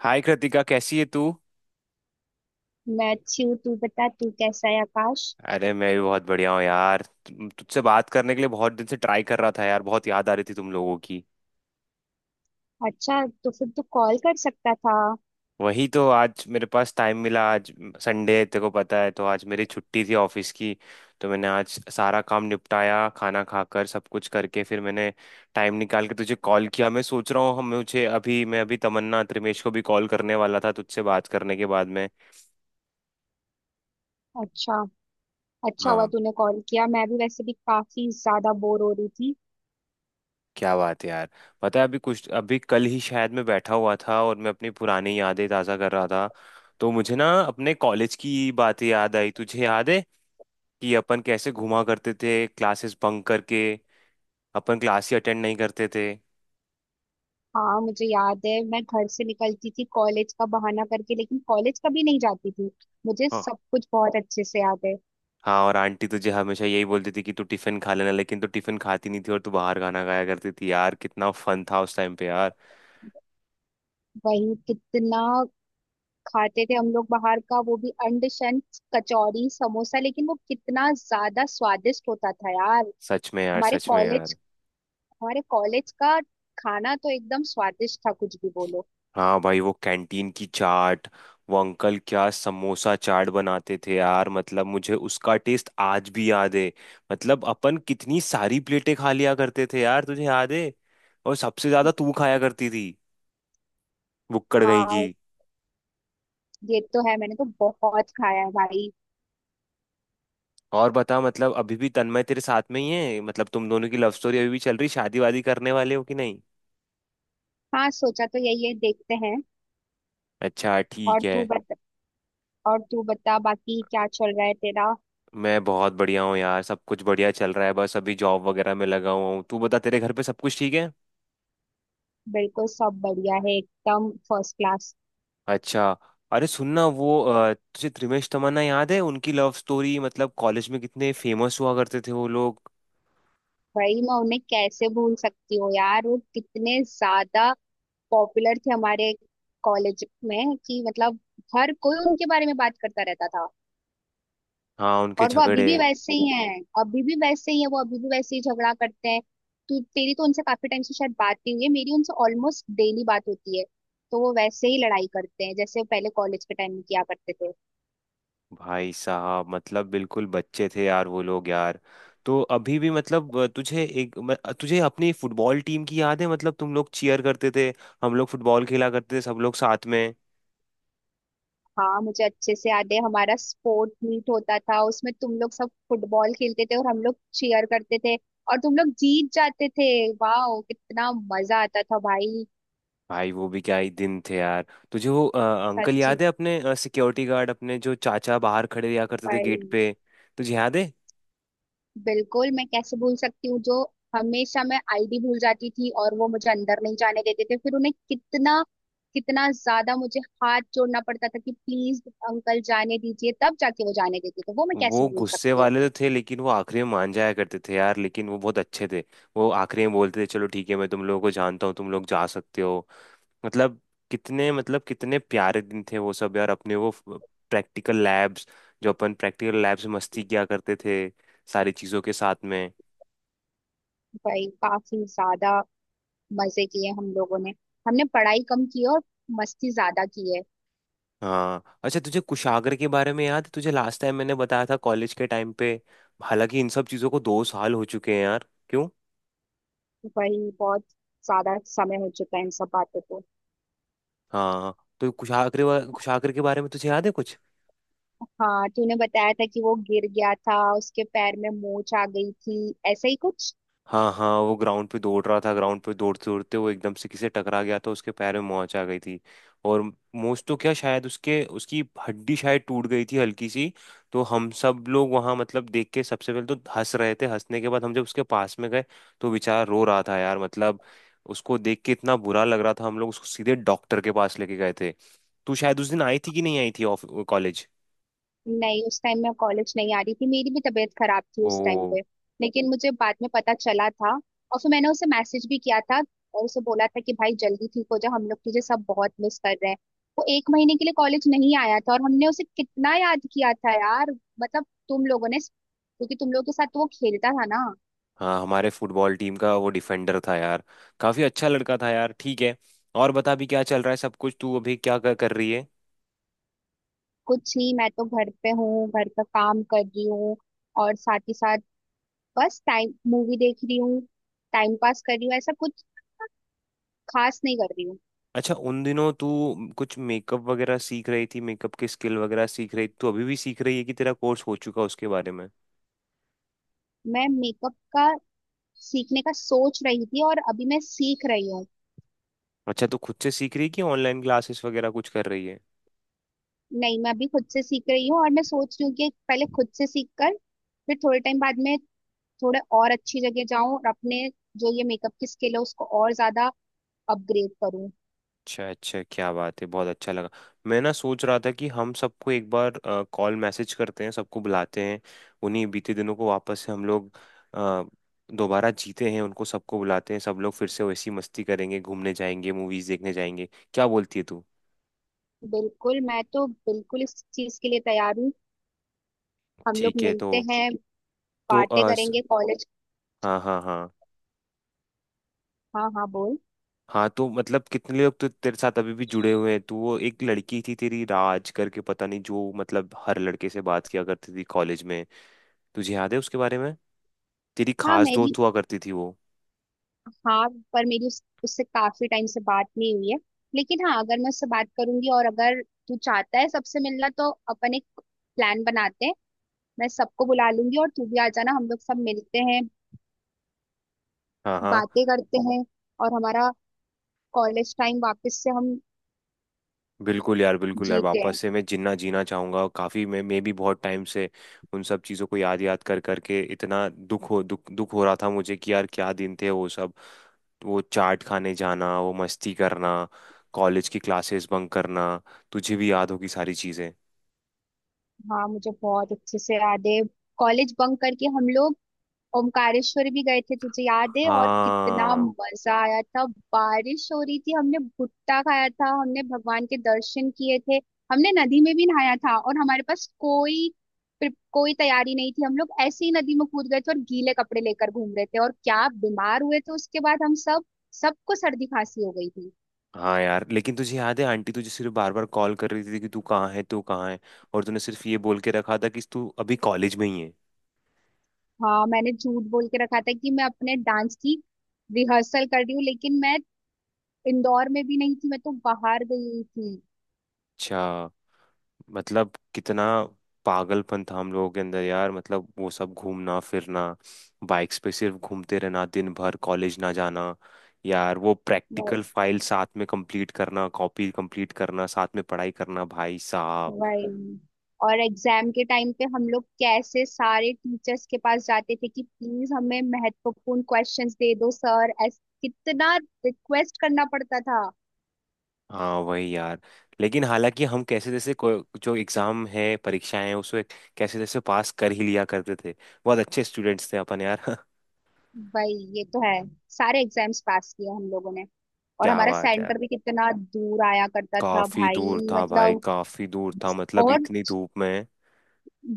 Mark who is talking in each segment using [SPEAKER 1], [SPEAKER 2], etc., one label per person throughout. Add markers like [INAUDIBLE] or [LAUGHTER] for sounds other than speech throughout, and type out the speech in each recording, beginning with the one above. [SPEAKER 1] हाय कृतिका, कैसी है तू?
[SPEAKER 2] मैं अच्छी हूँ। तू बता तू कैसा है आकाश?
[SPEAKER 1] अरे मैं भी बहुत बढ़िया हूँ यार, तुझसे बात करने के लिए बहुत दिन से ट्राई कर रहा था यार, बहुत याद आ रही थी तुम लोगों की।
[SPEAKER 2] अच्छा, तो फिर तू कॉल कर सकता था।
[SPEAKER 1] वही तो, आज मेरे पास टाइम मिला आज। संडे है, तेरे को पता है, तो आज मेरी छुट्टी थी ऑफिस की। तो मैंने आज सारा काम निपटाया, खाना खाकर सब कुछ करके फिर मैंने टाइम निकाल के तुझे कॉल किया। मैं सोच रहा हूँ, हम मुझे अभी मैं अभी तमन्ना त्रिमेश को भी कॉल करने वाला था तुझसे बात करने के बाद में।
[SPEAKER 2] अच्छा। अच्छा हुआ तूने कॉल किया, मैं भी वैसे भी काफी ज्यादा बोर हो रही थी।
[SPEAKER 1] क्या बात है यार। पता है, अभी कल ही शायद मैं बैठा हुआ था और मैं अपनी पुरानी यादें ताज़ा कर रहा था। तो मुझे ना अपने कॉलेज की बातें याद आई तुझे याद है कि अपन कैसे घुमा करते थे क्लासेस बंक करके? अपन क्लास ही अटेंड नहीं करते थे।
[SPEAKER 2] हाँ, मुझे याद है। मैं घर से निकलती थी कॉलेज का बहाना करके, लेकिन कॉलेज कभी नहीं जाती थी। मुझे
[SPEAKER 1] हाँ,
[SPEAKER 2] सब कुछ बहुत अच्छे से याद है।
[SPEAKER 1] हाँ, और आंटी तुझे हमेशा यही बोलती थी कि तू टिफिन खा लेना, लेकिन तू टिफिन खाती नहीं थी और तू बाहर खाना खाया करती थी यार, कितना फन था उस टाइम पे यार।
[SPEAKER 2] वही, कितना खाते थे हम लोग बाहर का, वो भी अंडशन, कचौरी, समोसा। लेकिन वो कितना ज्यादा स्वादिष्ट होता था यार।
[SPEAKER 1] सच में यार,
[SPEAKER 2] हमारे
[SPEAKER 1] सच में
[SPEAKER 2] कॉलेज
[SPEAKER 1] यार।
[SPEAKER 2] हमारे कॉलेज का खाना तो एकदम स्वादिष्ट था, कुछ भी बोलो।
[SPEAKER 1] हाँ भाई, वो कैंटीन की चाट, वो अंकल क्या समोसा चाट बनाते थे यार, मतलब मुझे उसका टेस्ट आज भी याद है। मतलब अपन कितनी सारी प्लेटें खा लिया करते थे यार, तुझे याद है। और सबसे ज्यादा तू खाया करती थी, बुक्कड़ गई की।
[SPEAKER 2] हाँ, ये तो है। मैंने तो बहुत खाया है भाई।
[SPEAKER 1] और बता, मतलब अभी भी तन्मय तेरे साथ में ही है, मतलब तुम दोनों की लव स्टोरी अभी भी चल रही, शादी वादी करने वाले हो कि नहीं?
[SPEAKER 2] हाँ, सोचा तो यही है, देखते हैं।
[SPEAKER 1] अच्छा
[SPEAKER 2] और
[SPEAKER 1] ठीक है।
[SPEAKER 2] तू बता। बाकी क्या चल रहा है तेरा?
[SPEAKER 1] मैं बहुत बढ़िया हूँ यार, सब कुछ बढ़िया चल रहा है, बस अभी जॉब वगैरह में लगा हुआ हूँ। तू बता, तेरे घर पे सब कुछ ठीक है?
[SPEAKER 2] बिल्कुल, सब बढ़िया है, एकदम फर्स्ट क्लास।
[SPEAKER 1] अच्छा। अरे सुनना, वो तुझे त्रिमेश तमन्ना याद है, उनकी लव स्टोरी, मतलब कॉलेज में कितने फेमस हुआ करते थे वो लोग।
[SPEAKER 2] भाई, मैं उन्हें कैसे भूल सकती हूँ यार। वो कितने ज्यादा पॉपुलर थे हमारे कॉलेज में कि मतलब हर कोई उनके बारे में बात करता रहता था।
[SPEAKER 1] हाँ, उनके
[SPEAKER 2] और वो अभी
[SPEAKER 1] झगड़े।
[SPEAKER 2] भी वैसे ही हैं। अभी भी वैसे ही झगड़ा करते हैं। तू तेरी तो उनसे काफी टाइम से शायद बात नहीं हुई है, मेरी उनसे ऑलमोस्ट डेली बात होती है। तो वो वैसे ही लड़ाई करते हैं जैसे पहले कॉलेज के टाइम में किया करते थे।
[SPEAKER 1] भाई साहब, मतलब बिल्कुल बच्चे थे यार वो लोग यार। तो अभी भी मतलब तुझे एक म- अ, तुझे अपनी फुटबॉल टीम की याद है, मतलब तुम लोग चीयर करते थे, हम लोग फुटबॉल खेला करते थे सब लोग साथ में।
[SPEAKER 2] हाँ, मुझे अच्छे से याद है। हमारा स्पोर्ट मीट होता था, उसमें तुम लोग सब फुटबॉल खेलते थे और हम लोग चीयर करते थे। और तुम लोग जीत जाते थे। वाह, कितना मजा आता था भाई।
[SPEAKER 1] भाई वो भी क्या ही दिन थे यार। तुझे वो अंकल
[SPEAKER 2] सच्ची।
[SPEAKER 1] याद है, अपने सिक्योरिटी गार्ड, अपने जो चाचा बाहर खड़े रहा करते थे
[SPEAKER 2] भाई,
[SPEAKER 1] गेट पे? तुझे याद है?
[SPEAKER 2] बिल्कुल, मैं कैसे भूल सकती हूँ? जो हमेशा, मैं आईडी भूल जाती थी और वो मुझे अंदर नहीं जाने देते थे। फिर उन्हें कितना कितना ज्यादा मुझे हाथ जोड़ना पड़ता था कि प्लीज अंकल जाने दीजिए, तब जाके वो जाने देते थे। वो मैं कैसे
[SPEAKER 1] वो
[SPEAKER 2] भूल
[SPEAKER 1] गुस्से
[SPEAKER 2] सकती हूँ।
[SPEAKER 1] वाले तो थे, लेकिन वो आखिरी में मान जाया करते थे यार, लेकिन वो बहुत अच्छे थे। वो आखिरी में बोलते थे, चलो ठीक है, मैं तुम लोगों को जानता हूँ, तुम लोग जा सकते हो। मतलब, कितने प्यारे दिन थे वो सब यार, अपने वो प्रैक्टिकल लैब्स, जो अपन प्रैक्टिकल लैब्स में मस्ती किया करते थे सारी चीज़ों के साथ में।
[SPEAKER 2] भाई, काफी ज्यादा मजे किए हम लोगों ने। हमने पढ़ाई कम की है और मस्ती ज्यादा की है।
[SPEAKER 1] हाँ, अच्छा तुझे कुशाग्र के बारे में याद है? तुझे लास्ट टाइम मैंने बताया था कॉलेज के टाइम पे। हालांकि इन सब चीज़ों को 2 साल हो चुके हैं यार, क्यों।
[SPEAKER 2] भाई, बहुत ज्यादा समय हो चुका है इन सब बातों को।
[SPEAKER 1] हाँ, तो कुशाग्र कुशाग्र के बारे में तुझे याद है कुछ?
[SPEAKER 2] हाँ, तूने बताया था कि वो गिर गया था, उसके पैर में मोच आ गई थी, ऐसा ही कुछ।
[SPEAKER 1] हाँ, हाँ, वो ग्राउंड पे दौड़ रहा था, ग्राउंड पे दौड़ते दौड़ते वो एकदम से किसी से टकरा गया था, उसके पैर में मोच आ गई थी। और मोच तो क्या, शायद उसके उसकी हड्डी शायद टूट गई थी हल्की सी। तो हम सब लोग वहाँ मतलब देख के सबसे पहले तो हंस रहे थे, हंसने के बाद हम जब उसके पास में गए तो बेचारा रो रहा था यार, मतलब उसको देख के इतना बुरा लग रहा था, हम लोग उसको सीधे डॉक्टर के पास लेके गए थे। तू शायद उस दिन आई थी कि नहीं आई थी ऑफ कॉलेज?
[SPEAKER 2] नहीं, उस टाइम मैं कॉलेज नहीं आ रही थी, मेरी भी तबीयत खराब थी उस टाइम
[SPEAKER 1] ओ।
[SPEAKER 2] पे। लेकिन मुझे बाद में पता चला था और फिर मैंने उसे मैसेज भी किया था, और उसे बोला था कि भाई जल्दी ठीक हो जा, हम लोग तुझे सब बहुत मिस कर रहे हैं। वो एक महीने के लिए कॉलेज नहीं आया था और हमने उसे कितना याद किया था यार। मतलब, तुम लोगों ने, क्योंकि तुम लोगों के साथ तो वो खेलता था ना।
[SPEAKER 1] हाँ, हमारे फुटबॉल टीम का वो डिफेंडर था यार, काफी अच्छा लड़का था यार, ठीक है। और बता, भी क्या चल रहा है सब कुछ, तू अभी क्या कर रही है?
[SPEAKER 2] कुछ नहीं, मैं तो घर पे हूँ, घर का काम कर रही हूँ। और साथ ही साथ बस टाइम मूवी देख रही हूँ, टाइम पास कर रही हूँ, ऐसा कुछ खास नहीं कर रही हूँ।
[SPEAKER 1] अच्छा, उन दिनों तू कुछ मेकअप वगैरह सीख रही थी, मेकअप की स्किल वगैरह सीख रही थी, तू अभी भी सीख रही है कि तेरा कोर्स हो चुका है उसके बारे में?
[SPEAKER 2] मैं मेकअप का सीखने का सोच रही थी और अभी मैं सीख रही हूँ।
[SPEAKER 1] अच्छा, तू खुद से सीख रही है कि ऑनलाइन क्लासेस वगैरह कुछ कर रही है?
[SPEAKER 2] नहीं, मैं अभी खुद से सीख रही हूँ, और मैं सोच रही हूँ कि पहले खुद से सीख कर फिर थोड़े टाइम बाद में थोड़े और अच्छी जगह जाऊँ और अपने जो ये मेकअप की स्किल है उसको और ज्यादा अपग्रेड करूँ।
[SPEAKER 1] अच्छा अच्छा, क्या बात है, बहुत अच्छा लगा। मैं ना सोच रहा था कि हम सबको एक बार कॉल मैसेज करते हैं, सबको बुलाते हैं, उन्हीं बीते दिनों को वापस से हम लोग अ, दोबारा जीते हैं, उनको सबको बुलाते हैं, सब लोग फिर से वैसी मस्ती करेंगे, घूमने जाएंगे, मूवीज देखने जाएंगे। क्या बोलती है तू?
[SPEAKER 2] बिल्कुल, मैं तो बिल्कुल इस चीज के लिए तैयार हूँ। हम लोग
[SPEAKER 1] ठीक है, तो
[SPEAKER 2] मिलते हैं,
[SPEAKER 1] तो
[SPEAKER 2] बातें
[SPEAKER 1] आ, स,
[SPEAKER 2] करेंगे कॉलेज।
[SPEAKER 1] हाँ, हाँ, हाँ।
[SPEAKER 2] हाँ, हाँ, बोल।
[SPEAKER 1] हाँ, तो मतलब कितने लोग तो तेरे साथ अभी भी जुड़े हुए हैं, तू वो एक लड़की थी तेरी राज करके, पता नहीं, जो मतलब हर लड़के से बात किया करती थी कॉलेज में, तुझे याद है उसके बारे में? तेरी
[SPEAKER 2] हाँ,
[SPEAKER 1] खास
[SPEAKER 2] मेरी,
[SPEAKER 1] दोस्त हुआ करती थी वो।
[SPEAKER 2] हाँ, पर मेरी उससे काफी टाइम से बात नहीं हुई है। लेकिन हाँ, अगर मैं उससे बात करूंगी, और अगर तू चाहता है सबसे मिलना, तो अपन एक प्लान बनाते हैं। मैं सबको बुला लूंगी और तू भी आ जाना, हम लोग सब मिलते हैं,
[SPEAKER 1] हाँ, हाँ।
[SPEAKER 2] बातें करते हैं, और हमारा कॉलेज टाइम वापस से हम
[SPEAKER 1] बिल्कुल यार, बिल्कुल यार,
[SPEAKER 2] जीते हैं।
[SPEAKER 1] वापस से मैं जिन्ना जीना चाहूंगा, और काफी मैं भी बहुत टाइम से उन सब चीजों को याद याद कर करके इतना दुख हो रहा था मुझे कि यार क्या दिन थे वो सब, वो चाट खाने जाना, वो मस्ती करना, कॉलेज की क्लासेस बंक करना, तुझे भी याद होगी सारी चीजें।
[SPEAKER 2] हाँ, मुझे बहुत अच्छे से याद है। कॉलेज बंक करके हम लोग ओमकारेश्वर भी गए थे, तुझे याद है? और कितना
[SPEAKER 1] हाँ,
[SPEAKER 2] मजा आया था। बारिश हो रही थी, हमने भुट्टा खाया था, हमने भगवान के दर्शन किए थे, हमने नदी में भी नहाया था। और हमारे पास कोई कोई तैयारी नहीं थी, हम लोग ऐसे ही नदी में कूद गए थे और गीले कपड़े लेकर घूम रहे थे, और क्या बीमार हुए थे उसके बाद हम सब सबको सर्दी खांसी हो गई थी।
[SPEAKER 1] हाँ यार, लेकिन तुझे याद है आंटी तुझे सिर्फ बार बार कॉल कर रही थी कि तू कहाँ है, तू कहाँ है। और तूने सिर्फ ये बोल के रखा था कि तू अभी कॉलेज में ही है।
[SPEAKER 2] हाँ, मैंने झूठ बोल के रखा था कि मैं अपने डांस की रिहर्सल कर रही हूँ, लेकिन मैं इंदौर में भी नहीं थी, मैं तो बाहर गई हुई थी।
[SPEAKER 1] अच्छा, मतलब कितना पागलपन था हम लोगों के अंदर यार, मतलब वो सब घूमना फिरना, बाइक्स पे सिर्फ घूमते रहना दिन भर, कॉलेज ना जाना, यार वो प्रैक्टिकल फाइल साथ में कंप्लीट करना, कॉपी कंप्लीट करना साथ में पढ़ाई करना, भाई साहब।
[SPEAKER 2] वही। और एग्जाम के टाइम पे हम लोग कैसे सारे टीचर्स के पास जाते थे कि प्लीज हमें महत्वपूर्ण क्वेश्चंस दे दो सर, ऐस कितना रिक्वेस्ट करना पड़ता था।
[SPEAKER 1] हाँ वही यार, लेकिन हालांकि हम कैसे जैसे जो एग्जाम है परीक्षाएं हैं उसमें कैसे जैसे पास कर ही लिया करते थे। बहुत अच्छे स्टूडेंट्स थे अपन यार [LAUGHS]
[SPEAKER 2] भाई, ये तो है। सारे एग्जाम्स पास किए हम लोगों ने। और
[SPEAKER 1] क्या
[SPEAKER 2] हमारा
[SPEAKER 1] बात है यार।
[SPEAKER 2] सेंटर भी कितना दूर आया करता था
[SPEAKER 1] काफी
[SPEAKER 2] भाई,
[SPEAKER 1] दूर था भाई,
[SPEAKER 2] मतलब।
[SPEAKER 1] काफी दूर था, मतलब
[SPEAKER 2] और
[SPEAKER 1] इतनी धूप में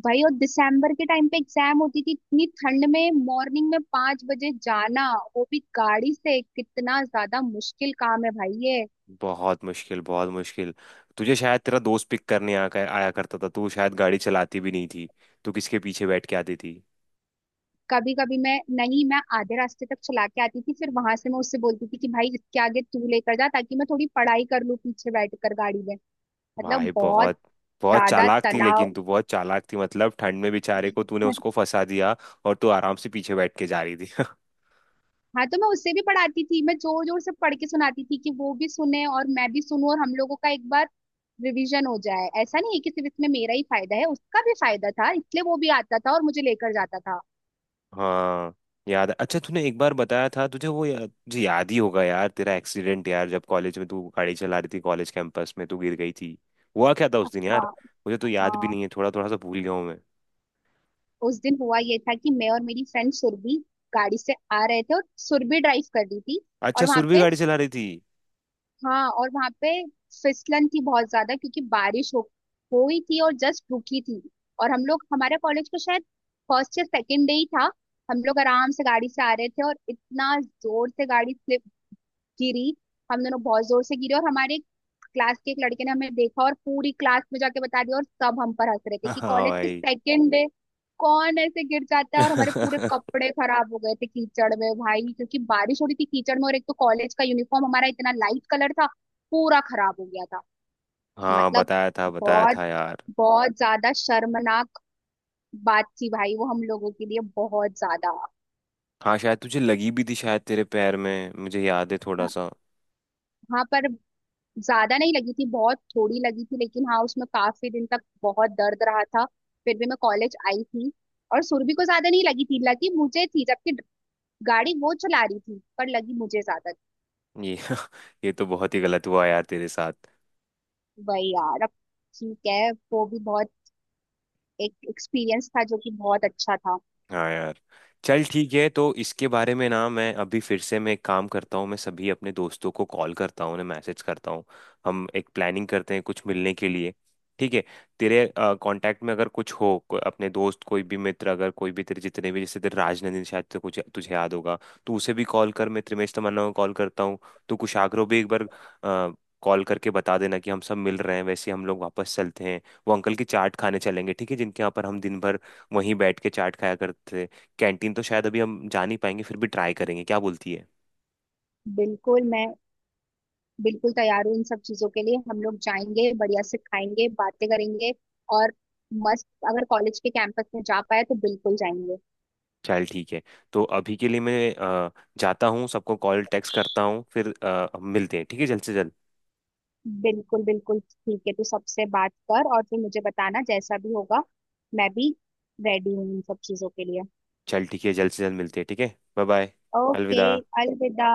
[SPEAKER 2] भाई, और दिसंबर के टाइम पे एग्जाम होती थी, इतनी ठंड में मॉर्निंग में 5 बजे जाना, वो भी गाड़ी से, कितना ज्यादा मुश्किल काम है भाई ये।
[SPEAKER 1] बहुत मुश्किल, बहुत मुश्किल। तुझे शायद तेरा दोस्त पिक करने आया करता था, तू शायद गाड़ी चलाती भी नहीं थी, तू किसके पीछे बैठ के आती थी?
[SPEAKER 2] कभी कभी, मैं नहीं मैं आधे रास्ते तक चला के आती थी, फिर वहां से मैं उससे बोलती थी कि भाई इसके आगे तू लेकर जा, ताकि मैं थोड़ी पढ़ाई कर लूँ पीछे बैठकर गाड़ी में। मतलब,
[SPEAKER 1] भाई,
[SPEAKER 2] बहुत
[SPEAKER 1] बहुत बहुत
[SPEAKER 2] ज्यादा
[SPEAKER 1] चालाक थी,
[SPEAKER 2] तनाव।
[SPEAKER 1] लेकिन तू बहुत चालाक थी, मतलब ठंड में बेचारे को तूने उसको फंसा दिया, और तू आराम से पीछे बैठ के जा रही थी [LAUGHS]
[SPEAKER 2] हाँ, तो मैं उससे भी पढ़ाती थी, मैं जोर जोर से पढ़ के सुनाती थी कि वो भी सुने और मैं भी सुनूं, और हम लोगों का एक बार रिवीजन हो जाए। ऐसा नहीं है कि सिर्फ इसमें मेरा ही फायदा है, उसका भी फायदा था, इसलिए वो भी आता था और मुझे लेकर जाता था।
[SPEAKER 1] हाँ, याद है। अच्छा तूने एक बार बताया था, तुझे वो तुझे याद ही होगा यार तेरा एक्सीडेंट, यार जब कॉलेज में तू गाड़ी चला रही थी कॉलेज कैंपस में तू गिर गई थी, हुआ क्या था उस दिन यार?
[SPEAKER 2] हाँ।
[SPEAKER 1] मुझे तो याद भी
[SPEAKER 2] हाँ,
[SPEAKER 1] नहीं है, थोड़ा थोड़ा सा भूल गया हूँ मैं।
[SPEAKER 2] उस दिन हुआ ये था कि मैं और मेरी फ्रेंड सुरभि गाड़ी से आ रहे थे, और सुरभि ड्राइव कर रही थी।
[SPEAKER 1] अच्छा,
[SPEAKER 2] और वहां
[SPEAKER 1] सुरभि
[SPEAKER 2] पे
[SPEAKER 1] गाड़ी चला रही थी?
[SPEAKER 2] हाँ और वहां पे फिसलन थी बहुत ज्यादा, क्योंकि बारिश हो हुई थी और जस्ट रुकी थी। और हम लोग, हमारे कॉलेज का शायद फर्स्ट या सेकेंड डे ही था। हम लोग आराम से गाड़ी से आ रहे थे और इतना जोर से गाड़ी गिरी, हम दोनों बहुत जोर से गिरे। और हमारे क्लास के एक लड़के ने हमें देखा और पूरी क्लास में जाके बता दिया, और सब हम पर हंस रहे थे कि
[SPEAKER 1] हाँ
[SPEAKER 2] कॉलेज के
[SPEAKER 1] भाई
[SPEAKER 2] सेकेंड डे कौन ऐसे गिर जाता है। और हमारे पूरे
[SPEAKER 1] [LAUGHS]
[SPEAKER 2] कपड़े खराब हो गए थे कीचड़ में भाई, क्योंकि बारिश हो रही थी, कीचड़ में। और एक तो कॉलेज का यूनिफॉर्म हमारा इतना लाइट कलर था, पूरा खराब हो गया था।
[SPEAKER 1] हाँ,
[SPEAKER 2] मतलब,
[SPEAKER 1] बताया था, बताया
[SPEAKER 2] बहुत,
[SPEAKER 1] था यार।
[SPEAKER 2] बहुत ज्यादा शर्मनाक बात थी भाई वो हम लोगों के लिए, बहुत ज्यादा।
[SPEAKER 1] हाँ, शायद तुझे लगी भी थी, शायद तेरे पैर में, मुझे याद है थोड़ा सा।
[SPEAKER 2] हाँ, पर ज्यादा नहीं लगी थी, बहुत थोड़ी लगी थी। लेकिन हाँ, उसमें काफी दिन तक बहुत दर्द रहा था। फिर भी मैं कॉलेज आई थी। और सुरभि को ज्यादा नहीं लगी थी, लगी मुझे थी, जबकि गाड़ी वो चला रही थी, पर लगी मुझे ज्यादा।
[SPEAKER 1] ये [LAUGHS] ये तो बहुत ही गलत हुआ यार तेरे साथ।
[SPEAKER 2] भाई यार, अब ठीक है, वो भी बहुत एक एक्सपीरियंस था जो कि बहुत अच्छा था।
[SPEAKER 1] हाँ यार। चल ठीक है, तो इसके बारे में ना, मैं अभी फिर से, मैं एक काम करता हूँ, मैं सभी अपने दोस्तों को कॉल करता हूँ, उन्हें मैसेज करता हूँ, हम एक प्लानिंग करते हैं कुछ मिलने के लिए, ठीक है। तेरे कांटेक्ट में अगर कुछ हो अपने दोस्त कोई भी मित्र, अगर कोई भी तेरे जितने भी, जैसे तेरे राजनंदिनी शायद, तो कुछ तुझे याद होगा तो उसे भी कॉल कर, मैं त्रिमेश तमन्ना को कॉल करता हूँ। तो कुशाग्रो भी एक बार कॉल करके बता देना कि हम सब मिल रहे हैं, वैसे हम लोग वापस चलते हैं, वो अंकल की चाट खाने चलेंगे ठीक है, जिनके यहाँ पर हम दिन भर वहीं बैठ के चाट खाया करते थे। कैंटीन तो शायद अभी हम जा नहीं पाएंगे, फिर भी ट्राई करेंगे, क्या बोलती है?
[SPEAKER 2] बिल्कुल, मैं बिल्कुल तैयार हूँ इन सब चीजों के लिए। हम लोग जाएंगे, बढ़िया से खाएंगे, बातें करेंगे। और मस्त, अगर कॉलेज के कैंपस में जा पाए तो बिल्कुल जाएंगे।
[SPEAKER 1] चल ठीक है, तो अभी के लिए मैं जाता हूँ, सबको कॉल टेक्स्ट करता हूँ, फिर मिलते हैं ठीक है, जल्द से जल्द।
[SPEAKER 2] बिल्कुल, बिल्कुल, ठीक है। तू सबसे बात कर और फिर मुझे बताना, जैसा भी होगा मैं भी रेडी हूँ इन सब चीजों के लिए।
[SPEAKER 1] चल ठीक है, जल्द से जल्द मिलते हैं, ठीक है, बाय बाय।
[SPEAKER 2] ओके।
[SPEAKER 1] अलविदा।
[SPEAKER 2] अलविदा।